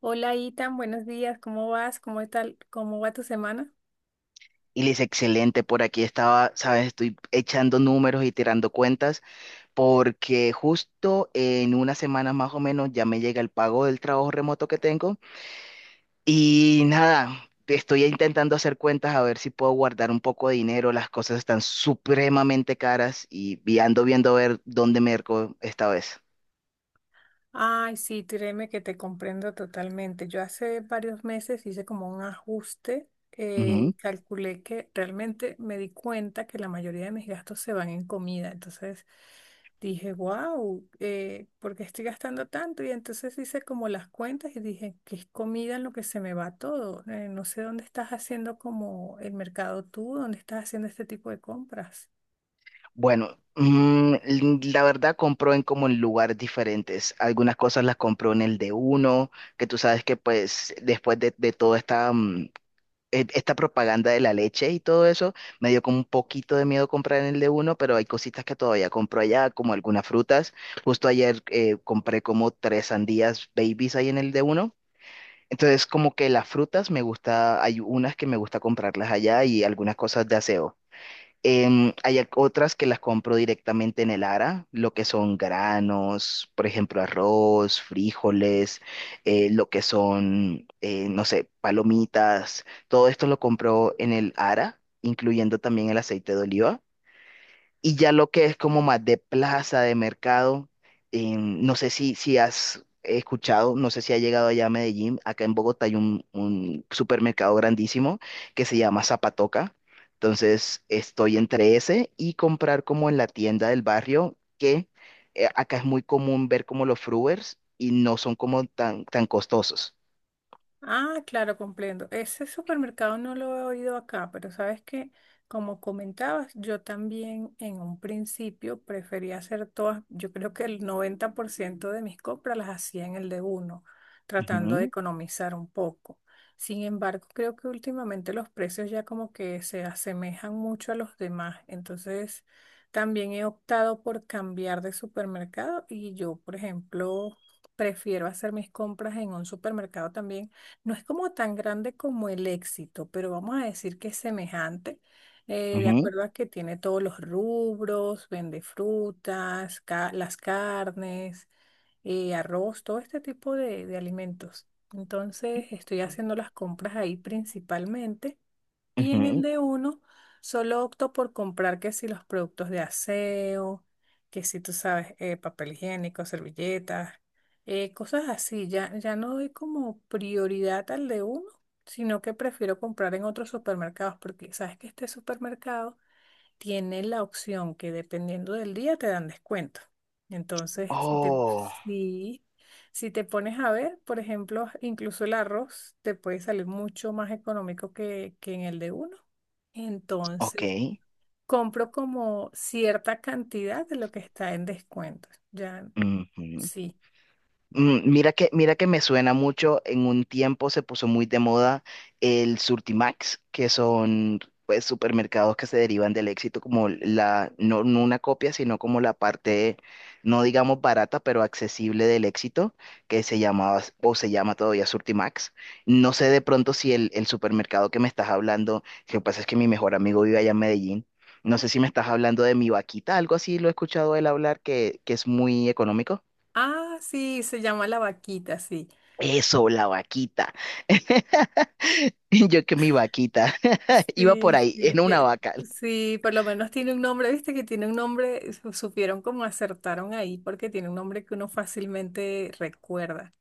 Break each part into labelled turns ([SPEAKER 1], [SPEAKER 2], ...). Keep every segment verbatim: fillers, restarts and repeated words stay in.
[SPEAKER 1] Hola, Itan, buenos días, ¿cómo vas? ¿Cómo tal? ¿Cómo va tu semana?
[SPEAKER 2] Y le dice, excelente, por aquí estaba, sabes, estoy echando números y tirando cuentas porque justo en una semana más o menos ya me llega el pago del trabajo remoto que tengo y nada, estoy intentando hacer cuentas a ver si puedo guardar un poco de dinero, las cosas están supremamente caras y, y ando viendo a ver dónde me merco esta vez.
[SPEAKER 1] Ay, sí, créeme que te comprendo totalmente. Yo hace varios meses hice como un ajuste, eh, y calculé que realmente me di cuenta que la mayoría de mis gastos se van en comida. Entonces dije, wow, ¿por qué estoy gastando tanto? Y entonces hice como las cuentas y dije, que es comida en lo que se me va todo. Eh, no sé dónde estás haciendo como el mercado tú, dónde estás haciendo este tipo de compras.
[SPEAKER 2] Bueno, mm, la verdad compró en como en lugares diferentes. Algunas cosas las compró en el de uno, que tú sabes que pues después de, de toda esta, mm, e- esta propaganda de la leche y todo eso, me dio como un poquito de miedo comprar en el de uno, pero hay cositas que todavía compro allá, como algunas frutas. Justo ayer eh, compré como tres sandías babies ahí en el de uno. Entonces como que las frutas me gusta, hay unas que me gusta comprarlas allá y algunas cosas de aseo. Em, hay ac- otras que las compro directamente en el A R A, lo que son granos, por ejemplo, arroz, frijoles, eh, lo que son, eh, no sé, palomitas. Todo esto lo compro en el A R A, incluyendo también el aceite de oliva. Y ya lo que es como más de plaza, de mercado, em, no sé si, si has escuchado, no sé si ha llegado allá a Medellín, acá en Bogotá hay un, un supermercado grandísimo que se llama Zapatoca. Entonces estoy entre ese y comprar como en la tienda del barrio, que eh, acá es muy común ver como los fruers y no son como tan, tan costosos.
[SPEAKER 1] Ah, claro, comprendo. Ese supermercado no lo he oído acá, pero sabes que, como comentabas, yo también en un principio prefería hacer todas, yo creo que el noventa por ciento de mis compras las hacía en el de uno, tratando de
[SPEAKER 2] Ujú,
[SPEAKER 1] economizar un poco. Sin embargo, creo que últimamente los precios ya como que se asemejan mucho a los demás, entonces también he optado por cambiar de supermercado y yo, por ejemplo, prefiero hacer mis compras en un supermercado también, no es como tan grande como el éxito, pero vamos a decir que es semejante, eh, de
[SPEAKER 2] ujú,
[SPEAKER 1] acuerdo a que tiene todos los rubros, vende frutas, ca- las carnes, eh, arroz, todo este tipo de, de alimentos. Entonces estoy haciendo las compras ahí principalmente. Y en el
[SPEAKER 2] ujú.
[SPEAKER 1] de uno, solo opto por comprar que si los productos de aseo, que si tú sabes, eh, papel higiénico, servilletas, eh, cosas así. Ya, ya no doy como prioridad al de uno, sino que prefiero comprar en otros supermercados, porque sabes que este supermercado tiene la opción que dependiendo del día te dan descuento. Entonces, si te,
[SPEAKER 2] Oh,
[SPEAKER 1] si, si te pones a ver, por ejemplo, incluso el arroz te puede salir mucho más económico que, que en el de uno.
[SPEAKER 2] ok.
[SPEAKER 1] Entonces, compro como cierta cantidad de lo que está en descuento. Ya,
[SPEAKER 2] Ujú.
[SPEAKER 1] sí.
[SPEAKER 2] Mm, mira que, mira que me suena mucho, en un tiempo se puso muy de moda el Surtimax, que son pues supermercados que se derivan del éxito como la, no, no una copia, sino como la parte, no digamos barata, pero accesible del éxito, que se llamaba o se llama todavía Surtimax. No sé de pronto si el, el supermercado que me estás hablando, lo que pasa es que mi mejor amigo vive allá en Medellín. No sé si me estás hablando de mi vaquita, algo así lo he escuchado él hablar que, que es muy económico.
[SPEAKER 1] Ah, sí, se llama la vaquita, sí.
[SPEAKER 2] Eso, la vaquita. Yo que mi vaquita. Iba
[SPEAKER 1] Sí,
[SPEAKER 2] por ahí,
[SPEAKER 1] sí,
[SPEAKER 2] en una
[SPEAKER 1] tie-
[SPEAKER 2] vaca.
[SPEAKER 1] sí, por lo menos tiene un nombre, viste que tiene un nombre, eh, su- supieron cómo acertaron ahí, porque tiene un nombre que uno fácilmente recuerda.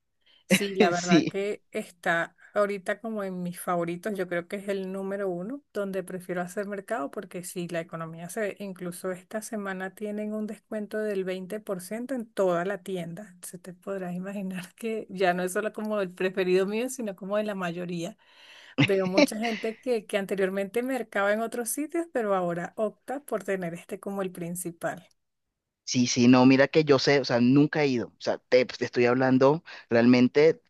[SPEAKER 1] Sí, la verdad
[SPEAKER 2] Sí,
[SPEAKER 1] que está ahorita como en mis favoritos, yo creo que es el número uno donde prefiero hacer mercado, porque sí, la economía se, incluso esta semana tienen un descuento del veinte por ciento en toda la tienda. Se te podrás imaginar que ya no es solo como el preferido mío, sino como de la mayoría. Veo mucha gente que, que anteriormente mercaba en otros sitios, pero ahora opta por tener este como el principal.
[SPEAKER 2] sí, sí, no, mira que yo sé, o sea, nunca he ido. O sea, te, pues, te estoy hablando realmente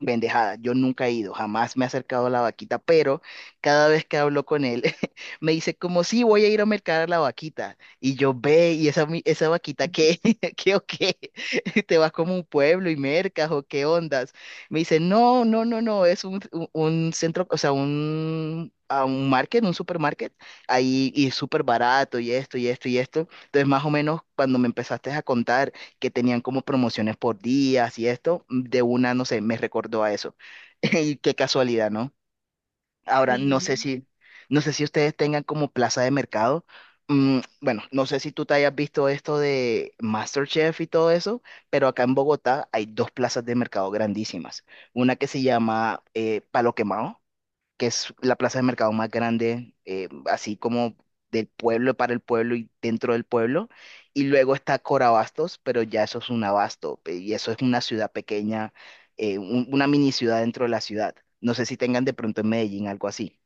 [SPEAKER 2] bendejada, yo nunca he ido, jamás me he acercado a la vaquita, pero cada vez que hablo con él me dice como sí, voy a ir a mercar a la vaquita. Y yo ve, y esa, mi- esa vaquita, ¿qué? ¿Qué o qué? ¿Te vas como un pueblo y mercas o qué ondas? Me dice, no, no, no, no, es un, un- un centro, o sea, un, a un market, un supermarket, ahí y es súper barato y esto y esto y esto. Entonces, más o menos cuando me empezaste a contar que tenían como promociones por días y esto, mm, de una, no sé, me recordó a eso. Y qué casualidad, ¿no? Ahora, no sé
[SPEAKER 1] Sí.
[SPEAKER 2] si, No sé si ustedes tengan como plaza de mercado. Mm, bueno, no sé si tú te hayas visto esto de MasterChef y todo eso, pero acá en Bogotá hay dos plazas de mercado grandísimas. Una que se llama eh, Palo Quemado, que es la plaza de mercado más grande, eh, así como del pueblo para el pueblo y dentro del pueblo. Y luego está Corabastos, pero ya eso es un abasto, pe- y eso es una ciudad pequeña, eh, un- una mini ciudad dentro de la ciudad. No sé si tengan de pronto en Medellín algo así.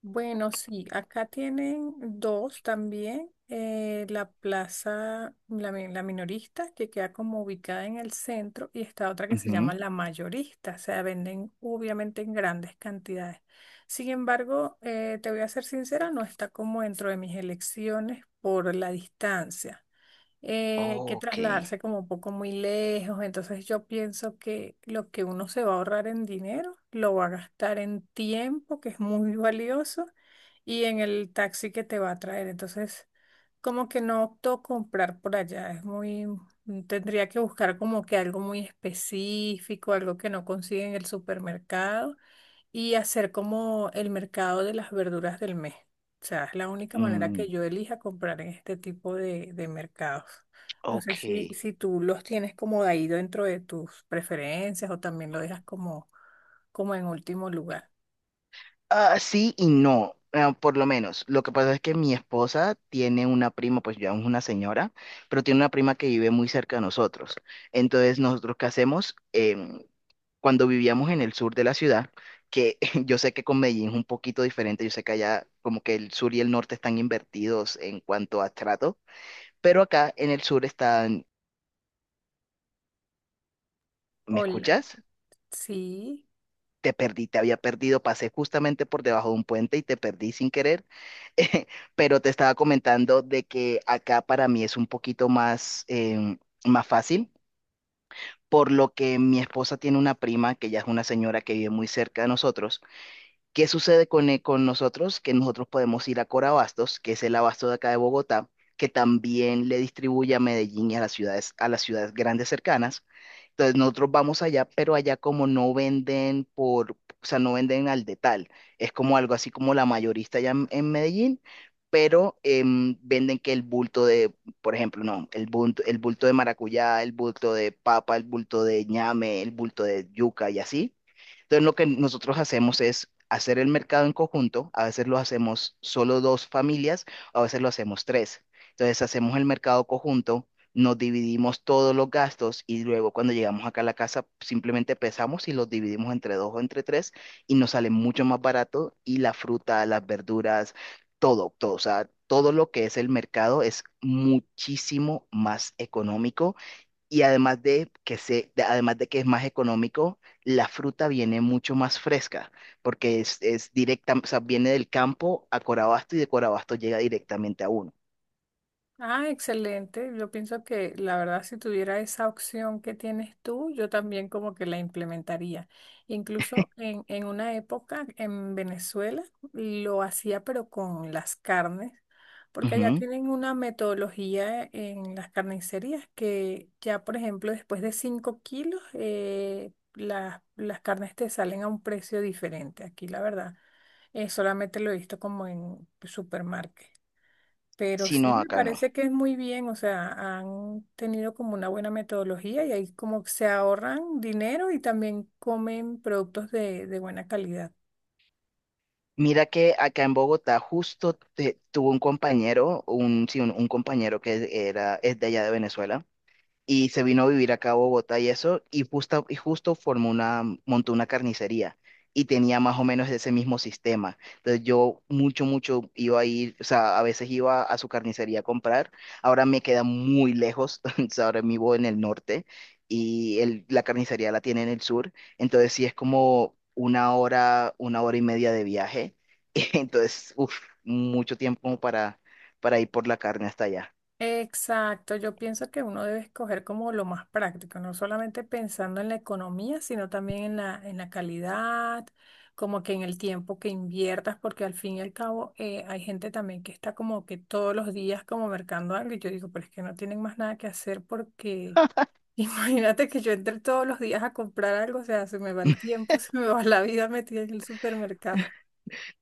[SPEAKER 1] Bueno, sí, acá tienen dos también. Eh, la plaza, la, mi- la minorista, que queda como ubicada en el centro, y está otra que se
[SPEAKER 2] Ujú.
[SPEAKER 1] llama la mayorista, o sea, venden obviamente en grandes cantidades. Sin embargo, eh, te voy a ser sincera, no está como dentro de mis elecciones por la distancia. Eh, hay que
[SPEAKER 2] Ok.
[SPEAKER 1] trasladarse como un poco muy lejos, entonces yo pienso que lo que uno se va a ahorrar en dinero, lo va a gastar en tiempo, que es muy valioso, y en el taxi que te va a traer. Entonces, como que no opto comprar por allá, es muy, mm, tendría que buscar como que algo muy específico, algo que no consigue en el supermercado y hacer como el mercado de las verduras del mes. O sea, es la única manera que
[SPEAKER 2] Mm,
[SPEAKER 1] yo elija comprar en este tipo de, de mercados. No sé
[SPEAKER 2] ok.
[SPEAKER 1] si, si tú los tienes como de ahí dentro de tus preferencias o también lo dejas como, como en último lugar.
[SPEAKER 2] Ah, sí y no, ah, por lo menos. Lo que pasa es que mi esposa tiene una prima, pues ya es una señora, pero tiene una prima que vive muy cerca de nosotros. Entonces, nosotros qué hacemos. Em, Cuando vivíamos en el sur de la ciudad, que yo sé que con Medellín es un poquito diferente, yo sé que allá como que el sur y el norte están invertidos en cuanto a trato, pero acá en el sur están, ¿me
[SPEAKER 1] Hola,
[SPEAKER 2] escuchas?
[SPEAKER 1] sí.
[SPEAKER 2] Te perdí, te había perdido, pasé justamente por debajo de un puente y te perdí sin querer, eh, pero te estaba comentando de que acá para mí es un poquito más, em, más fácil, por lo que mi esposa tiene una prima, que ya es una señora que vive muy cerca de nosotros. ¿Qué sucede con, eh, con nosotros? Que nosotros podemos ir a Corabastos, que es el abasto de acá de Bogotá, que también le distribuye a Medellín y a las ciudades, a las ciudades grandes cercanas. Entonces nosotros vamos allá, pero allá como no venden por, o sea, no venden al detal. Es como algo así como la mayorista allá en, en Medellín, pero em, venden que el bulto de, por ejemplo, no, el bulto, el bulto de maracuyá, el bulto de papa, el bulto de ñame, el bulto de yuca y así. Entonces, lo que nosotros hacemos es hacer el mercado en conjunto, a veces lo hacemos solo dos familias, a veces lo hacemos tres. Entonces, hacemos el mercado conjunto, nos dividimos todos los gastos y luego cuando llegamos acá a la casa simplemente pesamos y los dividimos entre dos o entre tres y nos sale mucho más barato y la fruta, las verduras, todo, todo, o sea, todo lo que es el mercado es muchísimo más económico y además de que se, de- además de que es más económico, la fruta viene mucho más fresca, porque es, es directa, o sea, viene del campo a Corabasto y de Corabasto llega directamente a uno.
[SPEAKER 1] Ah, excelente. Yo pienso que la verdad, si tuviera esa opción que tienes tú, yo también como que la implementaría. Incluso en, en una época en Venezuela lo hacía, pero con las carnes, porque allá
[SPEAKER 2] Ujú.
[SPEAKER 1] tienen una metodología en las carnicerías que ya, por ejemplo, después de cinco kilos, eh, las, las carnes te salen a un precio diferente. Aquí, la verdad, eh, solamente lo he visto como en supermarket. Pero
[SPEAKER 2] Sí,
[SPEAKER 1] sí
[SPEAKER 2] no,
[SPEAKER 1] me
[SPEAKER 2] acá no.
[SPEAKER 1] parece que es muy bien, o sea, han tenido como una buena metodología y ahí como se ahorran dinero y también comen productos de, de buena calidad.
[SPEAKER 2] Mira que acá en Bogotá justo te- tuvo un compañero, un, sí, un, un compañero que era, es de allá de Venezuela, y se vino a vivir acá a Bogotá y eso, y justo, y justo formó una, montó una carnicería y tenía más o menos ese mismo sistema. Entonces yo mucho, mucho iba a ir, o sea, a veces iba a su carnicería a comprar, ahora me queda muy lejos, o sea, ahora vivo en el norte y el- la carnicería la tiene en el sur, entonces sí es como una hora, una hora y media de viaje, entonces, uff, mucho tiempo como para, para ir por la carne hasta allá.
[SPEAKER 1] Exacto, yo pienso que uno debe escoger como lo más práctico, no solamente pensando en la economía, sino también en la, en la calidad, como que en el tiempo que inviertas, porque al fin y al cabo eh, hay gente también que está como que todos los días como mercando algo y yo digo, pero es que no tienen más nada que hacer porque imagínate que yo entre todos los días a comprar algo, o sea, se me va el tiempo, se me va la vida metida en el supermercado.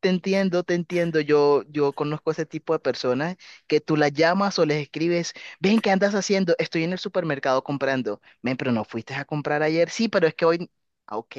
[SPEAKER 2] Te entiendo, te entiendo. Yo, yo conozco ese tipo de personas que tú las llamas o les escribes, ven, ¿qué andas haciendo? Estoy en el supermercado comprando. Ven, pero no fuiste a comprar ayer. Sí, pero es que hoy. Ah, ok.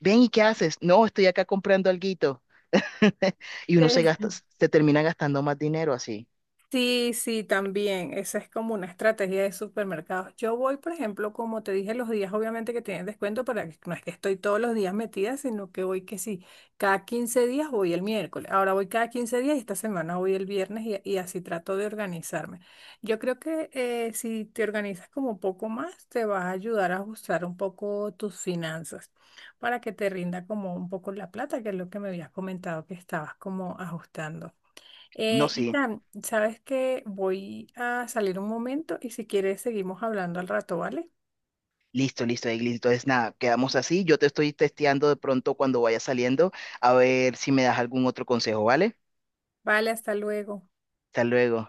[SPEAKER 2] Ven, ¿y qué haces? No, estoy acá comprando alguito. Y uno se gasta, se termina gastando más dinero así.
[SPEAKER 1] Sí, sí, también. Esa es como una estrategia de supermercados. Yo voy, por ejemplo, como te dije, los días obviamente que tienen descuento, para que no es que estoy todos los días metida, sino que voy que sí, cada quince días voy el miércoles. Ahora voy cada quince días y esta semana voy el viernes y, y así trato de organizarme. Yo creo que eh, si te organizas como un poco más, te vas a ayudar a ajustar un poco tus finanzas para que te rinda como un poco la plata, que es lo que me habías comentado que estabas como ajustando.
[SPEAKER 2] No,
[SPEAKER 1] Eh,
[SPEAKER 2] sí.
[SPEAKER 1] Itan, sabes que voy a salir un momento y si quieres seguimos hablando al rato, ¿vale?
[SPEAKER 2] Listo, listo, Eglis. Entonces, nada, quedamos así. Yo te estoy testeando de pronto cuando vaya saliendo, a ver si me das algún otro consejo, ¿vale?
[SPEAKER 1] Vale, hasta luego.
[SPEAKER 2] Hasta luego.